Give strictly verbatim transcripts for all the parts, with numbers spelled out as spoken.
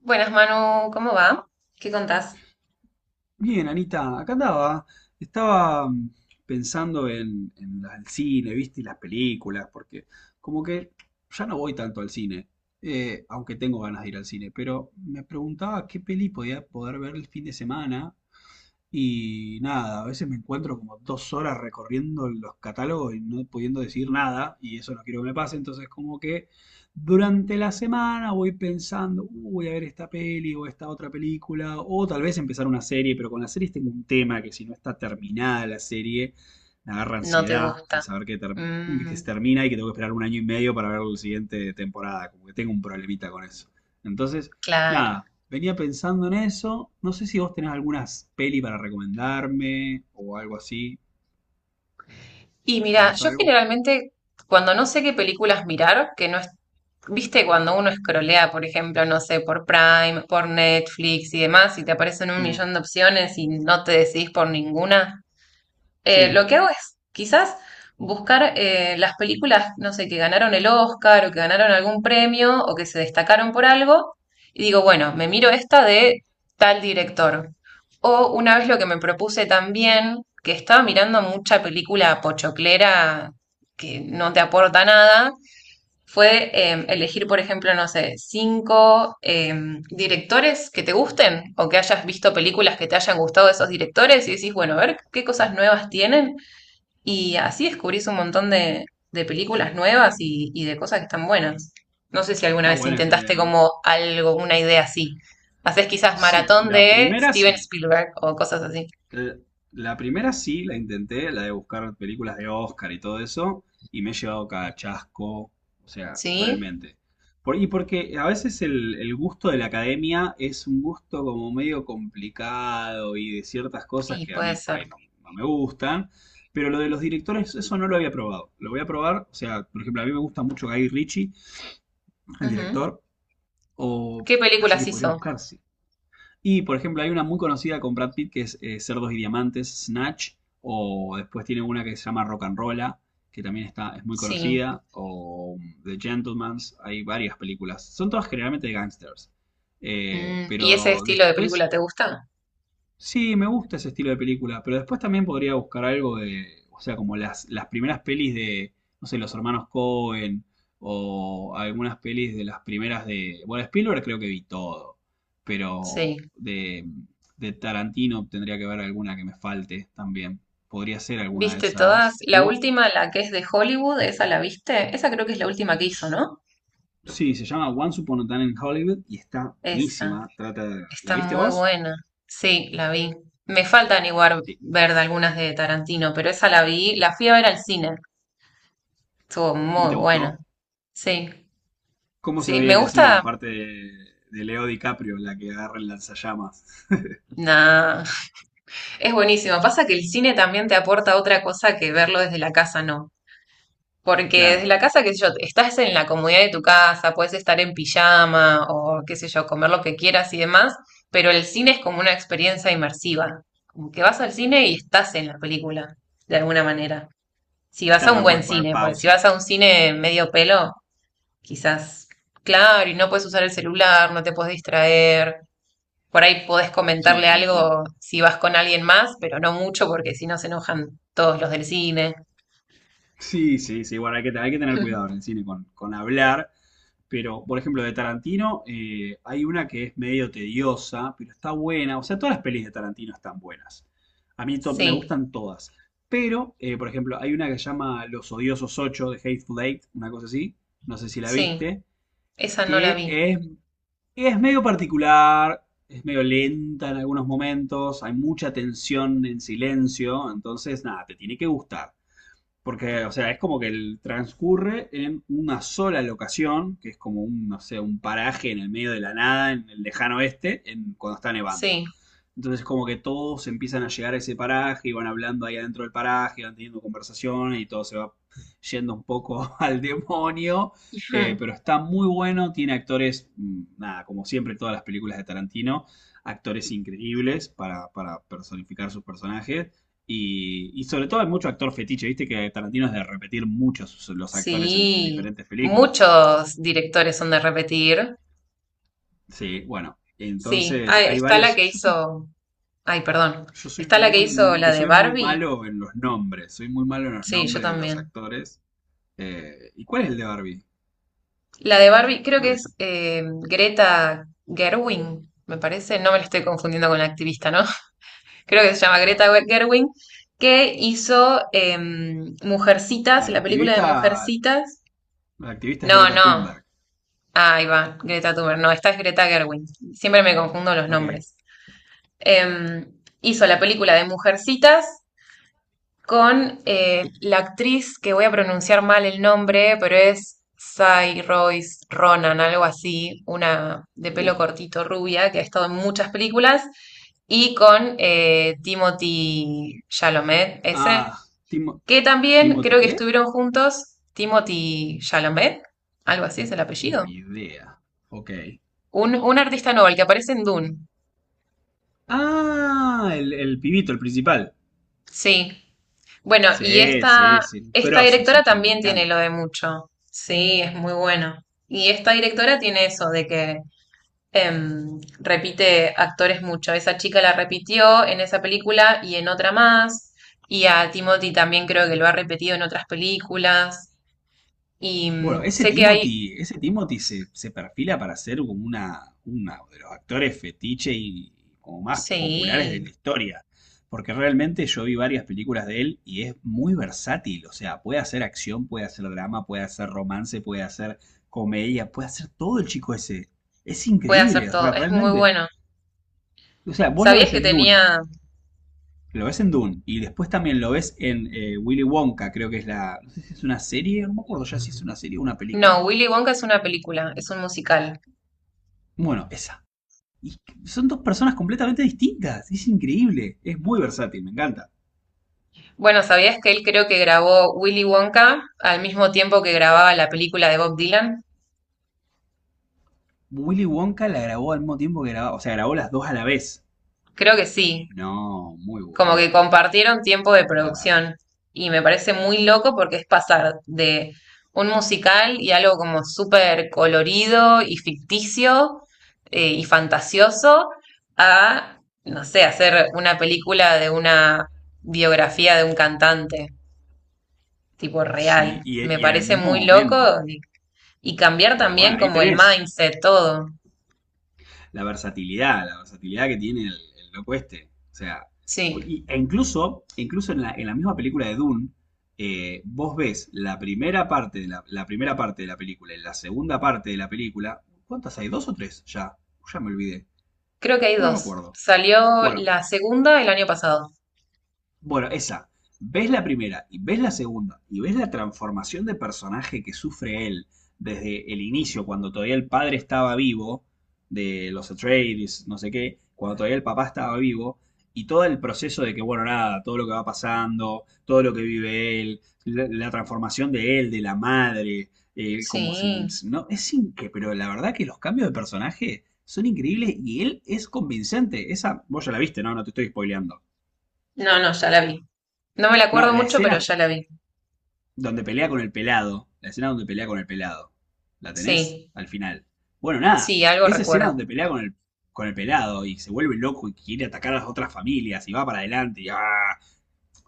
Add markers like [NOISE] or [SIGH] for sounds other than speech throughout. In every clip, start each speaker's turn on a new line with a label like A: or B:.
A: Buenas, Manu, ¿cómo va? ¿Qué contás?
B: Bien, Anita, acá andaba. Estaba mm, pensando en, en la- el cine, ¿viste? Y las películas, porque como que ya no voy tanto al cine, eh, aunque tengo ganas de ir al cine, pero me preguntaba qué peli podía poder ver el fin de semana y nada, a veces me encuentro como dos horas recorriendo los catálogos y no pudiendo decir nada, y eso no quiero que me pase, entonces como que durante la semana voy pensando, "Uh, voy a ver esta peli o esta otra película, o tal vez empezar una serie, pero con las series tengo un tema que si no está terminada la serie, me agarra
A: No te
B: ansiedad de
A: gusta.
B: saber que, ter- que
A: Mm,
B: se termina y que tengo que esperar un año y medio para ver la siguiente temporada, como que tengo un problemita con eso. Entonces...
A: claro.
B: Nada, venía pensando en eso. No sé si vos tenés algunas peli para recomendarme o algo así.
A: Y mira,
B: ¿Sabés
A: yo
B: algo?
A: generalmente cuando no sé qué películas mirar, que no es, viste, cuando uno escrolea, por ejemplo, no sé, por Prime, por Netflix y demás, y te aparecen un
B: Sí,
A: millón de opciones y no te decidís por ninguna. Eh, lo
B: sí,
A: que hago es quizás buscar eh, las películas, no sé, que ganaron el Oscar o que ganaron algún premio o que se destacaron por algo y digo, bueno, me miro esta de tal director. O una vez lo que me propuse también, que estaba mirando mucha película pochoclera que no te aporta nada fue em, elegir, por ejemplo, no sé, cinco em, directores que te gusten o que hayas visto películas que te hayan gustado de esos directores y decís, bueno, a ver qué cosas nuevas tienen y así descubrís un montón de, de películas nuevas y, y de cosas que están buenas. No sé si alguna
B: está
A: vez
B: buena esa idea.
A: intentaste
B: ¿Eh?
A: como algo, una idea así. Haces quizás
B: Sí,
A: maratón
B: la
A: de
B: primera
A: Steven
B: sí.
A: Spielberg o cosas así.
B: l- La primera sí la intenté, la de buscar películas de Oscar y todo eso, y me he llevado cada chasco, o sea,
A: Sí,
B: realmente. Por, y porque a veces el, el gusto de la academia es un gusto como medio complicado y de ciertas cosas
A: y
B: que a
A: puede
B: mí por
A: ser.
B: ahí no, no me gustan, pero lo de los directores, eso no lo había probado. Lo voy a probar, o sea, por ejemplo, a mí me gusta mucho Guy Ritchie, el
A: Ujú.
B: director, o
A: ¿Qué
B: así
A: películas
B: que podría
A: hizo?
B: buscar, sí. Y, por ejemplo, hay una muy conocida con Brad Pitt que es eh, Cerdos y Diamantes, Snatch, o después tiene una que se llama Rock and Rolla, que también está, es muy
A: Sí.
B: conocida, o um, The Gentleman's, hay varias películas. Son todas generalmente de gangsters. Eh,
A: Mm, ¿Y ese
B: pero
A: estilo de
B: después
A: película te gusta?
B: sí, me gusta ese estilo de película, pero después también podría buscar algo de, o sea, como las, las primeras pelis de, no sé, los hermanos Cohen o algunas pelis de las primeras de, bueno, Spielberg creo que vi todo, pero
A: Sí.
B: de, de Tarantino tendría que ver alguna que me falte también. Podría ser alguna de
A: ¿Viste todas?
B: esas. Y
A: La
B: vos,
A: última, la que es de Hollywood, esa la viste. Esa creo que es la última que hizo, ¿no?
B: sí, se llama Once Upon a Time in Hollywood y está
A: Esa.
B: buenísima. Trata, ¿la
A: Está
B: viste
A: muy
B: vos?
A: buena. Sí, la vi. Me faltan igual
B: Sí,
A: ver de algunas de Tarantino, pero esa la vi, la fui a ver al cine. Estuvo
B: ¿y
A: muy
B: te
A: buena.
B: gustó?
A: Sí,
B: ¿Cómo se
A: sí.
B: veía
A: Me
B: en el cine la
A: gusta.
B: parte de, de Leo DiCaprio, la que agarra el lanzallamas?
A: Nah, [LAUGHS] es buenísimo. Pasa que el cine también te aporta otra cosa que verlo desde la casa, no. Porque desde
B: Claro,
A: la casa, qué sé yo, estás en la comodidad de tu casa, puedes estar en pijama o qué sé yo, comer lo que quieras y demás, pero el cine es como una experiencia inmersiva, como que vas al cine y estás en la película, de alguna manera. Si vas a
B: claro,
A: un
B: no puedes
A: buen
B: poner
A: cine, porque si
B: pausa.
A: vas a un cine medio pelo, quizás, claro, y no puedes usar el celular, no te puedes distraer, por ahí podés comentarle
B: Sí, te entiendo.
A: algo si vas con alguien más, pero no mucho porque si no se enojan todos los del cine.
B: Sí, sí, sí, bueno, hay que, hay que tener cuidado en
A: [LAUGHS]
B: el cine con, con hablar, pero por ejemplo de Tarantino eh, hay una que es medio tediosa, pero está buena, o sea, todas las pelis de Tarantino están buenas. A mí to- me
A: Sí,
B: gustan todas, pero eh, por ejemplo hay una que se llama Los Odiosos ocho de Hateful Eight, una cosa así, no sé si la
A: sí.
B: viste,
A: Esa no la
B: que
A: vi.
B: es es medio particular, es medio lenta en algunos momentos, hay mucha tensión en silencio, entonces nada, te tiene que gustar. Porque, o sea, es como que el transcurre en una sola locación, que es como un, no sé, un paraje en el medio de la nada, en el lejano oeste, en, cuando está nevando.
A: Sí.
B: Entonces, como que todos empiezan a llegar a ese paraje y van hablando ahí adentro del paraje, van teniendo conversaciones y todo se va yendo un poco [LAUGHS] al demonio. Eh,
A: Ujú.
B: pero está muy bueno, tiene actores, mm, nada, como siempre todas las películas de Tarantino, actores increíbles para, para personificar sus personajes. Y, y sobre todo hay mucho actor fetiche, viste que Tarantino es de repetir muchos los actores en sus
A: Sí.
B: diferentes películas.
A: Muchos directores son de repetir.
B: Sí, bueno,
A: Sí. Ah,
B: entonces hay
A: está la
B: varios.
A: que
B: Yo soy,
A: hizo. Ay, perdón.
B: yo soy
A: Está la que
B: muy,
A: hizo
B: no,
A: la
B: que
A: de
B: soy muy
A: Barbie.
B: malo en los nombres, soy muy malo en los
A: Sí, yo
B: nombres de los
A: también.
B: actores. Eh, ¿y cuál es el de Barbie?
A: La de Barbie, creo que
B: ¿Cuál
A: es
B: es?
A: eh, Greta Gerwig, me parece. No me la estoy confundiendo con la activista, ¿no? [LAUGHS] Creo que se llama Greta Gerwig, que hizo em, Mujercitas,
B: No, la
A: la película de
B: activista,
A: Mujercitas.
B: la activista es
A: No,
B: Greta
A: no.
B: Thunberg.
A: Ah, ahí va, Greta Thunberg. No, esta es Greta Gerwig. Siempre me confundo los
B: Ok.
A: nombres. Em, Hizo la película de Mujercitas con eh, la actriz que voy a pronunciar mal el nombre, pero es Sai Royce Ronan, algo así, una de
B: Uh.
A: pelo cortito rubia que ha estado en muchas películas, y con eh, Timothy Chalamet, ese,
B: Ah, Timo,
A: que también
B: ¿Timothy
A: creo que
B: qué?
A: estuvieron juntos. Timothy Chalamet, algo así es el
B: Uh,
A: apellido.
B: ni idea. Ok.
A: Un, un artista nuevo, el que aparece en Dune.
B: Ah, el, el pibito, el principal.
A: Sí. Bueno, y
B: Sí,
A: esta,
B: sí, sí. Un
A: esta
B: Grosso
A: directora
B: ese chavo, me
A: también tiene lo
B: encanta.
A: de mucho. Sí, es muy bueno. Y esta directora tiene eso de que em, repite actores mucho. Esa chica la repitió en esa película y en otra más. Y a Timothy también creo que lo ha repetido en otras películas. Y
B: Bueno,
A: mm,
B: ese
A: sé que hay...
B: Timothy, ese Timothy se, se perfila para ser como una, una de los actores fetiche y como más populares de
A: Sí,
B: la historia. Porque realmente yo vi varias películas de él y es muy versátil. O sea, puede hacer acción, puede hacer drama, puede hacer romance, puede hacer comedia, puede hacer todo el chico ese. Es
A: puede hacer
B: increíble,
A: todo.
B: re-
A: Es muy
B: realmente.
A: bueno.
B: O sea, vos lo
A: ¿Sabías
B: ves
A: que
B: en Dune.
A: tenía...
B: Lo ves en Dune y después también lo ves en eh, Willy Wonka, creo que es la. No sé si es una serie, no me acuerdo ya si es una serie o una película.
A: No, Willy Wonka es una película, es un musical.
B: Bueno, esa. Y son dos personas completamente distintas. Es increíble. Es muy versátil, me encanta.
A: Bueno, ¿sabías que él creo que grabó Willy Wonka al mismo tiempo que grababa la película de Bob Dylan?
B: Willy Wonka la grabó al mismo tiempo que grababa. O sea, grabó las dos a la vez.
A: Creo que sí,
B: No, muy
A: como que
B: bueno.
A: compartieron tiempo de
B: Claro.
A: producción y me parece muy loco porque es pasar de un musical y algo como súper colorido y ficticio eh, y fantasioso a, no sé, hacer una película de una biografía de un cantante, tipo
B: Sí,
A: real.
B: y,
A: Me
B: y en el
A: parece
B: mismo
A: muy loco.
B: momento.
A: Y cambiar
B: Ya, bueno,
A: también
B: ahí
A: como el
B: tenés.
A: mindset, todo.
B: la versatilidad, la versatilidad que tiene el, el loco este. O sea, pues,
A: Sí,
B: y- e incluso, incluso en la, en la misma película de Dune, eh, vos ves la primera parte de la, la primera parte de la película y la segunda parte de la película. ¿Cuántas hay? ¿Dos o tres? Ya, ya me olvidé.
A: creo que hay
B: No no me
A: dos.
B: acuerdo.
A: Salió
B: Bueno,
A: la segunda el año pasado.
B: bueno, esa. Ves la primera y ves la segunda y ves la transformación de personaje que sufre él desde el inicio, cuando todavía el padre estaba vivo, de los Atreides, no sé qué, cuando todavía el papá estaba vivo, y todo el proceso de que, bueno, nada, todo lo que va pasando, todo lo que vive él, la, la transformación de él, de la madre, eh,
A: Sí.
B: como se... No, es increíble, pero la verdad que los cambios de personaje son increíbles y él es convincente. Esa, vos ya la viste, ¿no? No te estoy spoileando.
A: No, no, ya la vi. No me la
B: No,
A: acuerdo
B: la
A: mucho, pero
B: escena
A: ya la vi.
B: donde pelea con el pelado. La escena donde pelea con el pelado. ¿La tenés?
A: Sí,
B: Al final. Bueno, nada.
A: sí, algo
B: Esa escena
A: recuerdo.
B: donde pelea con el, con el pelado y se vuelve loco y quiere atacar a las otras familias y va para adelante y ¡ah!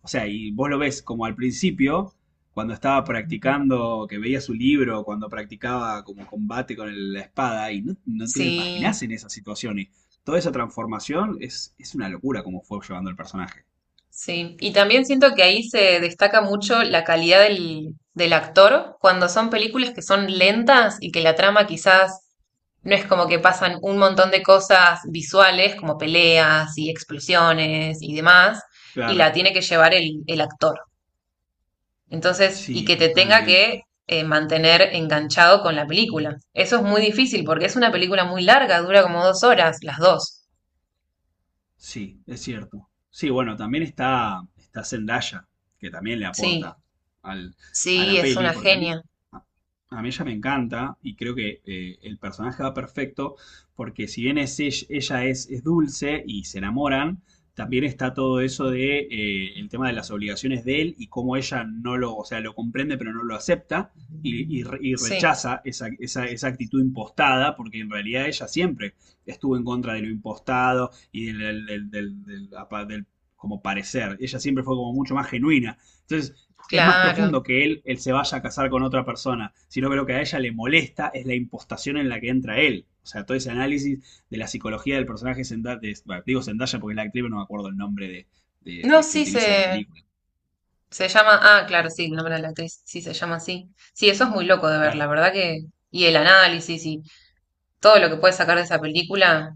B: O sea, y vos lo ves como al principio, cuando estaba practicando, que veía su libro, cuando practicaba como combate con el- la espada y no, no te lo
A: Sí.
B: imaginás en esas situaciones. Toda esa transformación es, es una locura como fue llevando el personaje.
A: Sí, y también siento que ahí se destaca mucho la calidad del, del actor cuando son películas que son lentas y que la trama quizás no es como que pasan un montón de cosas visuales como peleas y explosiones y demás, y la
B: Claro.
A: tiene que llevar el, el actor. Entonces, y
B: Sí,
A: que te tenga que
B: totalmente.
A: eh, mantener enganchado con la película. Eso es muy difícil porque es una película muy larga, dura como dos horas, las dos.
B: Sí, es cierto. Sí, bueno, también está, está Zendaya, que también le
A: Sí,
B: aporta al, a
A: sí,
B: la
A: es
B: peli,
A: una
B: porque a mí,
A: genia.
B: a, a mí ella me encanta y creo que eh, el personaje va perfecto, porque si bien es, ella ella es, es dulce y se enamoran, también está todo eso de eh, el tema de las obligaciones de él y cómo ella no lo, o sea, lo comprende pero no lo acepta y, y re- y
A: Sí,
B: rechaza esa, esa- esa actitud impostada, porque en realidad ella siempre estuvo en contra de lo impostado y del, del, del- del- del- del, del como parecer. Ella siempre fue como mucho más genuina. Entonces, es más
A: claro.
B: profundo que él, él se vaya a casar con otra persona, sino que lo que a ella le molesta es la impostación en la que entra él. O sea, todo ese análisis de la psicología del personaje Zendaya, de- bueno, digo Zendaya porque es la actriz, no me acuerdo el nombre de, de-
A: No,
B: de que
A: sí
B: utiliza en la
A: se,
B: película.
A: se llama. Ah, claro, sí, el nombre de la actriz. Sí, se llama así. Sí, eso es muy loco de ver, la
B: Claro.
A: verdad que. Y el análisis y todo lo que puedes sacar de esa película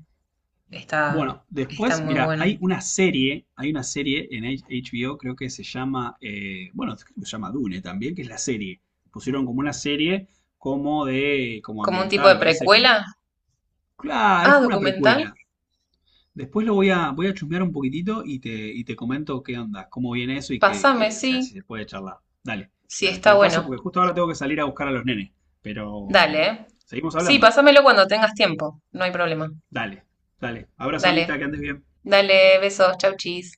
A: está,
B: Bueno,
A: está
B: después,
A: muy
B: mira,
A: bueno.
B: hay una serie, hay una serie en H- HBO, creo que se llama, eh, bueno, creo que se llama Dune también, que es la serie. Pusieron como una serie como de, como
A: Como un tipo
B: ambiental,
A: de
B: me parece como,
A: precuela.
B: claro, es
A: Ah,
B: como una
A: documental.
B: precuela. Después lo voy a, voy a chusmear un poquitito y te, y te comento qué onda, cómo viene eso y que,
A: Pásame,
B: que, o sea,
A: sí.
B: si se puede charlar. Dale,
A: Sí,
B: dale, te
A: está
B: lo paso
A: bueno.
B: porque justo ahora tengo que salir a buscar a los nenes, pero mm,
A: Dale, ¿eh?
B: seguimos
A: Sí,
B: hablando.
A: pásamelo cuando tengas tiempo. No hay problema.
B: Dale, dale, abrazo
A: Dale.
B: Anita, que andes bien.
A: Dale, besos. Chau, chis.